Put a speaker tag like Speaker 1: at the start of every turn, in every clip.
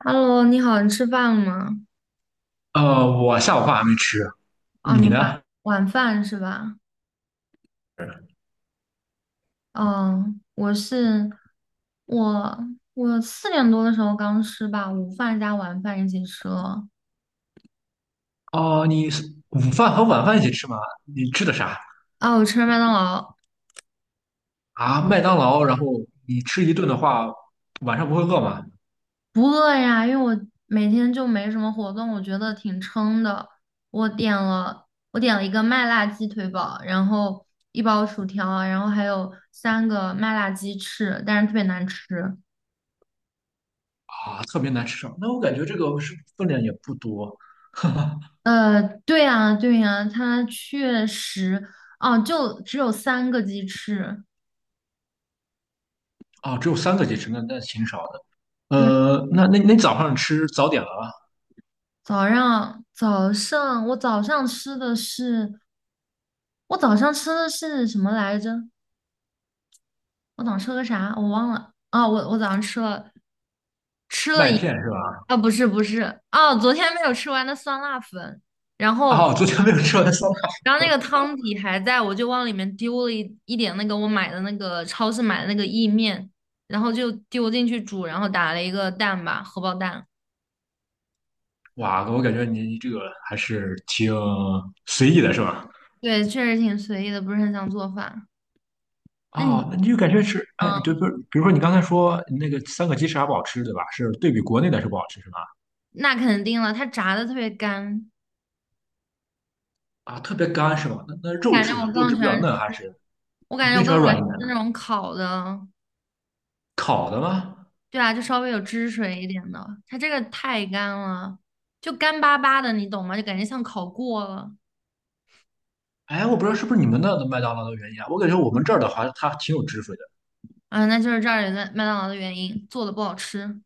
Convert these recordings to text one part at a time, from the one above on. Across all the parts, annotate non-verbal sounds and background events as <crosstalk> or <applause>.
Speaker 1: Hello，你好，你吃饭了吗？
Speaker 2: 我下午饭还没吃，
Speaker 1: 哦，你
Speaker 2: 你
Speaker 1: 晚
Speaker 2: 呢？
Speaker 1: 晚饭是吧？嗯，我是我我4点多的时候刚吃吧，午饭加晚饭一起吃了。
Speaker 2: 哦，你是午饭和晚饭一起吃吗？你吃的啥
Speaker 1: 啊，我吃了麦当劳。
Speaker 2: 啊？麦当劳，然后你吃一顿的话，晚上不会饿吗？
Speaker 1: 不饿呀，因为我每天就没什么活动，我觉得挺撑的。我点了我点了一个麦辣鸡腿堡，然后一包薯条啊，然后还有三个麦辣鸡翅，但是特别难吃。
Speaker 2: 啊，特别难吃，上那我感觉这个是分量也不多
Speaker 1: 对呀，对呀，它确实，哦，就只有三个鸡翅。
Speaker 2: 啊，只有三个鸡翅，那挺少的。
Speaker 1: 对。
Speaker 2: 呃，那早上吃早点了吗？
Speaker 1: 早上早上我早上吃的是我早上吃的是什么来着？我早上吃了个啥？我忘了。啊！我早上吃了吃了
Speaker 2: 麦
Speaker 1: 一
Speaker 2: 片是吧？
Speaker 1: 啊，不是不是，哦，昨天没有吃完的酸辣粉，然后
Speaker 2: 哦，昨天没有吃完的酸辣粉
Speaker 1: 然后
Speaker 2: 是
Speaker 1: 那
Speaker 2: 吧？
Speaker 1: 个汤底还在，我就往里面丢了一点那个我买的那个超市买的那个意面，然后就丢进去煮，然后打了一个蛋吧，荷包蛋。
Speaker 2: <laughs>？哇，我感觉你这个还是挺随意的，是吧？
Speaker 1: 对，确实挺随意的，不是很想做饭。那你，
Speaker 2: 啊，那你就感觉是，哎，就比
Speaker 1: 嗯，
Speaker 2: 如比如说你刚才说那个三个鸡翅还不好吃，对吧？是对比国内的是不好吃是吧？
Speaker 1: 那肯定了，它炸的特别干。
Speaker 2: 啊，特别干是吗？那那肉
Speaker 1: 感觉
Speaker 2: 质呢？
Speaker 1: 我
Speaker 2: 肉
Speaker 1: 更
Speaker 2: 质
Speaker 1: 喜
Speaker 2: 比较
Speaker 1: 欢，
Speaker 2: 嫩还是
Speaker 1: 我感
Speaker 2: 你
Speaker 1: 觉
Speaker 2: 更
Speaker 1: 我
Speaker 2: 喜
Speaker 1: 更
Speaker 2: 欢
Speaker 1: 喜欢
Speaker 2: 软
Speaker 1: 吃
Speaker 2: 一点的？
Speaker 1: 那种烤的。
Speaker 2: 烤的吗？
Speaker 1: 对啊，就稍微有汁水一点的，它这个太干了，就干巴巴的，你懂吗？就感觉像烤过了。
Speaker 2: 哎，我不知道是不是你们那的麦当劳的原因啊，我感觉我们这儿的话它挺有汁水的。
Speaker 1: 啊，那就是这儿也在麦当劳的原因，做的不好吃。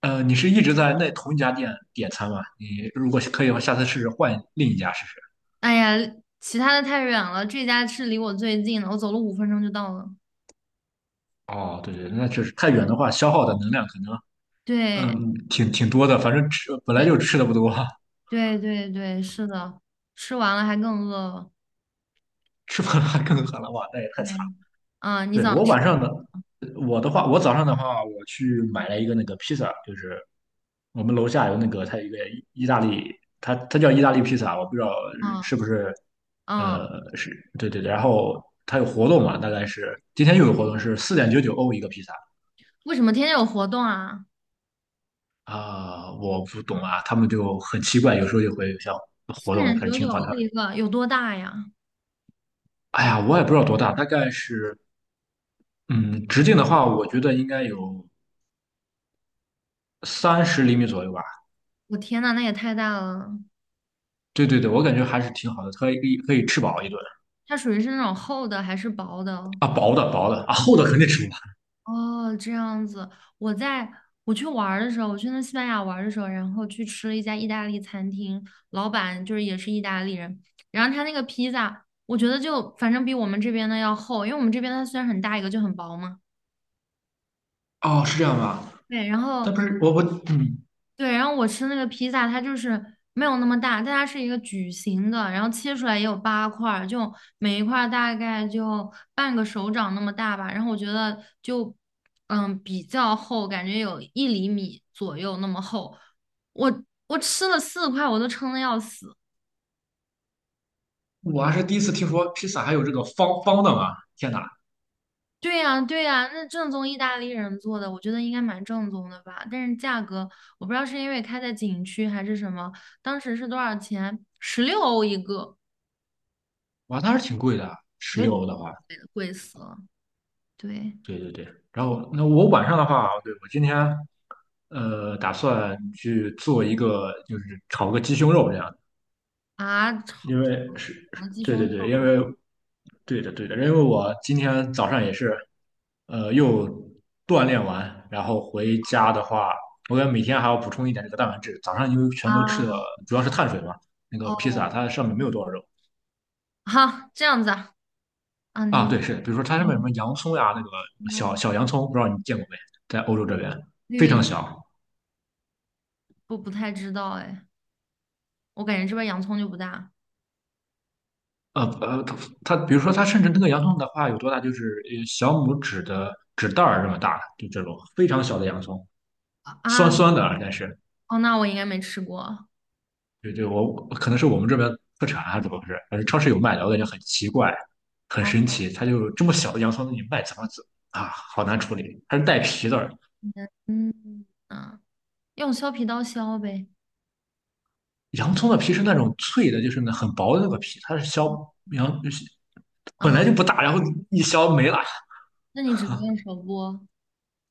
Speaker 2: 呃，你是一直在那同一家店点餐吗？你如果可以的话，下次试试换另一家试试。
Speaker 1: 哎呀，其他的太远了，这家是离我最近的，我走了5分钟就到了。
Speaker 2: 哦，对对，那确实太远的话，消耗的能量可能
Speaker 1: 对，
Speaker 2: 嗯挺多的，反正吃本来
Speaker 1: 对，
Speaker 2: 就吃的不多。
Speaker 1: 对，对，对，是的，吃完了还更饿了。
Speaker 2: <laughs> 吃不完还更狠了，哇，那也太
Speaker 1: 对。
Speaker 2: 惨。
Speaker 1: 啊，你
Speaker 2: 对，
Speaker 1: 早
Speaker 2: 我
Speaker 1: 吃
Speaker 2: 晚上的，我的话，我早上的话，我去买了一个那个披萨，就是我们楼下有那个，它有一个意大利，它叫意大利披萨，我不知道是
Speaker 1: 啊，
Speaker 2: 不是，
Speaker 1: 啊，
Speaker 2: 是，对对对，然后它有活动嘛，大概是今天又有活动，是4.99欧一个披萨。
Speaker 1: 为什么天天有活动啊？
Speaker 2: 啊，我不懂啊，他们就很奇怪，有时候就会有像
Speaker 1: 四
Speaker 2: 活动
Speaker 1: 点
Speaker 2: 还是
Speaker 1: 九九
Speaker 2: 挺好的。
Speaker 1: 欧一个，有多大呀？
Speaker 2: 哎呀，我也不知道多大，大概是，嗯，直径的话，我觉得应该有30厘米左右吧。
Speaker 1: 我天呐，那也太大了！
Speaker 2: 对对对，我感觉还是挺好的，可以吃饱一顿。
Speaker 1: 它属于是那种厚的还是薄的？
Speaker 2: 啊，薄的啊，厚的肯定吃不完。
Speaker 1: 哦，这样子。我在我去玩儿的时候，我去那西班牙玩儿的时候，然后去吃了一家意大利餐厅，老板就是也是意大利人，然后他那个披萨，我觉得就反正比我们这边的要厚，因为我们这边它虽然很大一个就很薄嘛。
Speaker 2: 哦，是这样吧？
Speaker 1: 对，然后
Speaker 2: 但不是我嗯，
Speaker 1: 对，然后我吃那个披萨，它就是没有那么大，但它是一个矩形的，然后切出来也有八块儿，就每一块儿大概就半个手掌那么大吧。然后我觉得就比较厚，感觉有1厘米左右那么厚。我我吃了四块，我都撑得要死。
Speaker 2: 我还是第一次听说披萨还有这个方方的嘛！天哪，
Speaker 1: 对呀，对呀，那正宗意大利人做的，我觉得应该蛮正宗的吧。但是价格，我不知道是因为开在景区还是什么，当时是多少钱？16欧一个。
Speaker 2: 哇，那还是挺贵的，十
Speaker 1: 我也
Speaker 2: 六
Speaker 1: 觉
Speaker 2: 欧
Speaker 1: 得
Speaker 2: 的话，
Speaker 1: 贵的贵死了。对
Speaker 2: 对对对。然后那我晚上的话，对，我今天打算去做一个，就是炒个鸡胸肉这样的，
Speaker 1: 啊，炒
Speaker 2: 因为是是
Speaker 1: 鸡
Speaker 2: 对
Speaker 1: 胸
Speaker 2: 对对，
Speaker 1: 肉
Speaker 2: 因为对的对的，因为我今天早上也是又锻炼完，然后回家的话，我感觉每天还要补充一点这个蛋白质。早上因为全都吃的
Speaker 1: 啊，
Speaker 2: 主要是碳水嘛，那个披萨
Speaker 1: 哦，
Speaker 2: 它上面没有多少肉
Speaker 1: 哈，这样子啊。啊，
Speaker 2: 啊，
Speaker 1: 你
Speaker 2: 对，是，比如说它上面有什么
Speaker 1: 你
Speaker 2: 洋葱呀，那个小
Speaker 1: 说
Speaker 2: 洋葱，不知道你见过没，在欧洲这边非
Speaker 1: 绿了，
Speaker 2: 常小。
Speaker 1: 不太知道哎，我感觉这边洋葱就不大
Speaker 2: 呃呃，它它比如说它甚至那个洋葱的话有多大，就是小拇指的指袋儿这么大，就这种非常小的洋葱，
Speaker 1: 啊。
Speaker 2: 酸酸的啊，但是
Speaker 1: 哦，那我应该没吃过。
Speaker 2: 对对，我可能是我们这边特产还是怎么回事？反正超市有卖的，我感觉很奇怪，很神
Speaker 1: 哦，
Speaker 2: 奇。它就这么小的洋葱，你卖怎么子啊？好难处理，它是带皮的。
Speaker 1: 嗯嗯啊，用削皮刀削呗。
Speaker 2: 洋葱的皮是那种脆的，就是那很薄的那个皮，它是削洋本
Speaker 1: 啊，
Speaker 2: 来就不大，然后一削没了。
Speaker 1: 那你只能用手剥。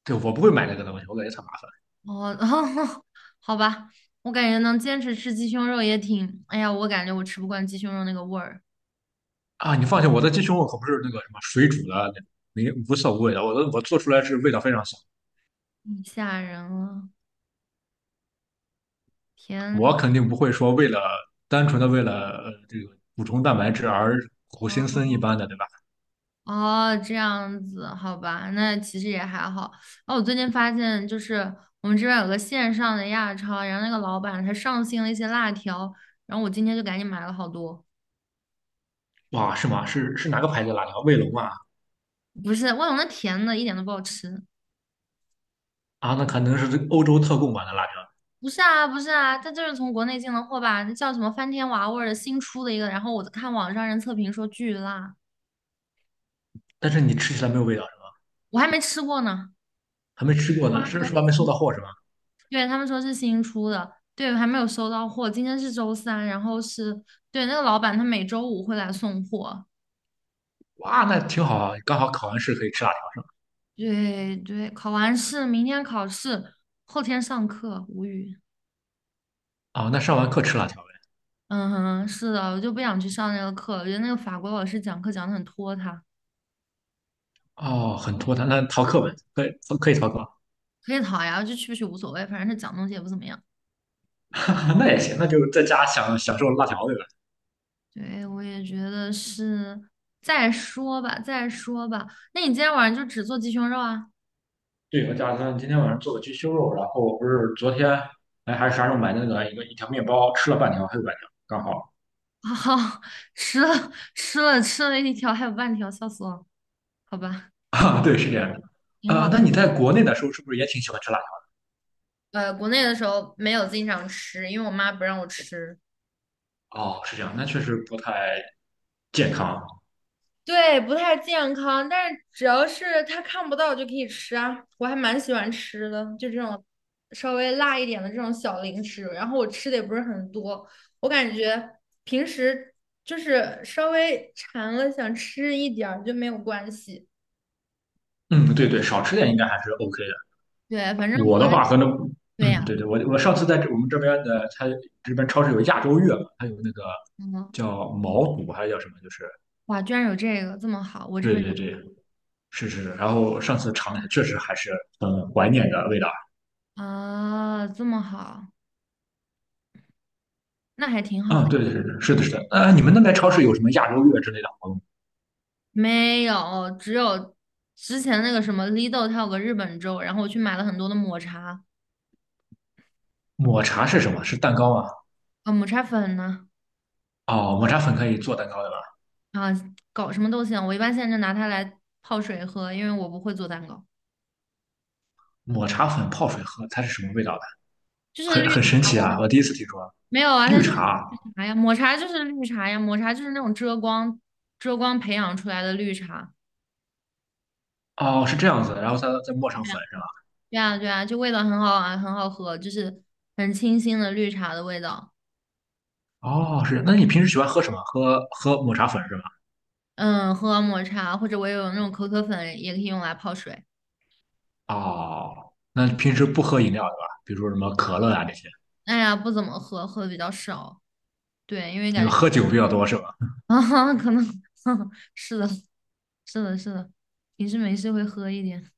Speaker 2: 对，我不会买那个东西，我感觉太麻烦。
Speaker 1: 哦，<laughs> 好吧，我感觉能坚持吃鸡胸肉也挺，哎呀，我感觉我吃不惯鸡胸肉那个味儿。
Speaker 2: 啊！你放心，我的鸡胸肉可不是那个什么水煮的那种，没无色无味的，我做出来是味道非常香。
Speaker 1: 嗯吓人了，天。
Speaker 2: 我肯定不会说为了单纯的为了这个补充蛋白质而苦行僧一般的，对吧？
Speaker 1: 哦，这样子，好吧，那其实也还好。哦，我最近发现，就是我们这边有个线上的亚超，然后那个老板他上新了一些辣条，然后我今天就赶紧买了好多。
Speaker 2: 哇，是吗？是是哪个牌子的辣条？卫龙啊？
Speaker 1: 不是，我有那甜的一点都不好吃。
Speaker 2: 啊，那可能是这个欧洲特供版的辣条，
Speaker 1: 不是啊，不是啊，他就是从国内进的货吧？那叫什么翻天娃味儿的新出的一个，然后我看网上人测评说巨辣，
Speaker 2: 但是你吃起来没有味道是吗？
Speaker 1: 我还没吃过呢。
Speaker 2: 还没吃过
Speaker 1: 他
Speaker 2: 呢，
Speaker 1: 们
Speaker 2: 是是吧？没收
Speaker 1: 说
Speaker 2: 到货是吧？
Speaker 1: 对，他们说是新出的，对，还没有收到货。今天是周三，然后是，对，那个老板他每周五会来送货。
Speaker 2: 哇，那挺好啊，刚好考完试可以吃辣条。
Speaker 1: 对对，考完试，明天考试，后天上课，无语。
Speaker 2: 啊、那上完课吃辣条呗。
Speaker 1: 嗯哼，是的，我就不想去上那个课了，我觉得那个法国老师讲课讲得很拖沓。
Speaker 2: 哦，很拖沓，那逃课呗，可以逃课。
Speaker 1: 可以逃呀，就去不去无所谓，反正他讲东西也不怎么样。
Speaker 2: <laughs> 那也行，那就在家享受辣条呗。
Speaker 1: 对，我也觉得是，再说吧，再说吧。那你今天晚上就只做鸡胸肉啊？
Speaker 2: 对，我打算今天晚上做个鸡胸肉，然后我不是昨天哎还是啥时候买的那个一条面包，吃了半条，还有半条，刚好。
Speaker 1: <laughs> 好，吃了一条，还有半条，笑死我了。好吧，
Speaker 2: <laughs> 啊，对，是这样的。
Speaker 1: 挺好
Speaker 2: 呃，
Speaker 1: 的。
Speaker 2: 那你在国内的时候是不是也挺喜欢吃辣条？
Speaker 1: 国内的时候没有经常吃，因为我妈不让我吃。
Speaker 2: 哦，是这样，那确实不太健康。
Speaker 1: 对，不太健康，但是只要是它看不到就可以吃啊。我还蛮喜欢吃的，就这种稍微辣一点的这种小零食。然后我吃的也不是很多，我感觉平时就是稍微馋了想吃一点儿就没有关系。
Speaker 2: 嗯，对对，少吃点应该还是 OK 的。
Speaker 1: 对，反正
Speaker 2: 我
Speaker 1: 国
Speaker 2: 的
Speaker 1: 内
Speaker 2: 话可能，
Speaker 1: 对
Speaker 2: 嗯，
Speaker 1: 呀，
Speaker 2: 对对，我上次在这我们这边的，它这边超市有亚洲月嘛，它有那个
Speaker 1: 嗯。
Speaker 2: 叫毛肚还是叫什么，就是
Speaker 1: 哇，居然有这个，这么好，我这
Speaker 2: 对
Speaker 1: 边
Speaker 2: 对对，是是。是然后上次尝了一下，确实还是很怀念的味道。
Speaker 1: 啊，这么好，那还挺好
Speaker 2: 嗯，
Speaker 1: 的。
Speaker 2: 对对对，对，是的，是的。呃，你们那边超市有什么亚洲月之类的活动？
Speaker 1: 没有，只有之前那个什么 l 豆，它有个日本粥，然后我去买了很多的抹茶。
Speaker 2: 抹茶是什么？是蛋糕啊？
Speaker 1: 啊，抹茶粉呢。
Speaker 2: 哦，抹茶粉可以做蛋糕的吧？
Speaker 1: 啊，搞什么都行。我一般现在就拿它来泡水喝，因为我不会做蛋糕。
Speaker 2: 抹茶粉泡水喝，它是什么味道的？
Speaker 1: 就是
Speaker 2: 很
Speaker 1: 绿，
Speaker 2: 很神奇啊！我第一次听说。
Speaker 1: 没有啊，它
Speaker 2: 绿
Speaker 1: 就是
Speaker 2: 茶，
Speaker 1: 绿茶呀，抹茶就是绿茶呀，抹茶就是那种遮光培养出来的绿茶。
Speaker 2: 哦，是这样子，然后再磨上
Speaker 1: 对呀，
Speaker 2: 粉是吧？
Speaker 1: 对啊，对啊，就味道很好啊，很好喝，就是很清新的绿茶的味道。
Speaker 2: 哦，是。那你平时喜欢喝什么？喝抹茶粉是吧？
Speaker 1: 嗯，喝抹茶或者我也有那种可可粉，也可以用来泡水。
Speaker 2: 哦，那平时不喝饮料对吧？比如说什么可乐啊这些，
Speaker 1: 哎呀，不怎么喝，喝的比较少。对，因为
Speaker 2: 你
Speaker 1: 感
Speaker 2: 们
Speaker 1: 觉
Speaker 2: 喝酒比较多是吧？
Speaker 1: <laughs> 啊，可能 <laughs> 是的，是的，是的，平时没事会喝一点。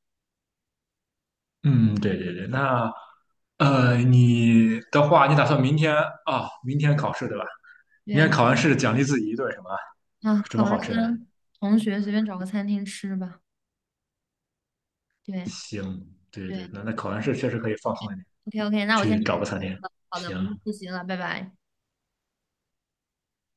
Speaker 2: 嗯，对对对。那你的话，你打算明天啊、哦明天考试对吧？你
Speaker 1: 对，
Speaker 2: 看
Speaker 1: 明
Speaker 2: 考完
Speaker 1: 天
Speaker 2: 试奖励自己一顿什么
Speaker 1: 啊，
Speaker 2: 什
Speaker 1: 考
Speaker 2: 么好
Speaker 1: 完试
Speaker 2: 吃的？
Speaker 1: 跟同学随便找个餐厅吃吧。对
Speaker 2: 行，对对，
Speaker 1: 对
Speaker 2: 那那考完试确实可以放松一点，
Speaker 1: ，OK OK，那我先
Speaker 2: 去
Speaker 1: 去，
Speaker 2: 找个餐厅。
Speaker 1: 好的，
Speaker 2: 行，
Speaker 1: 我先去复习了，拜拜。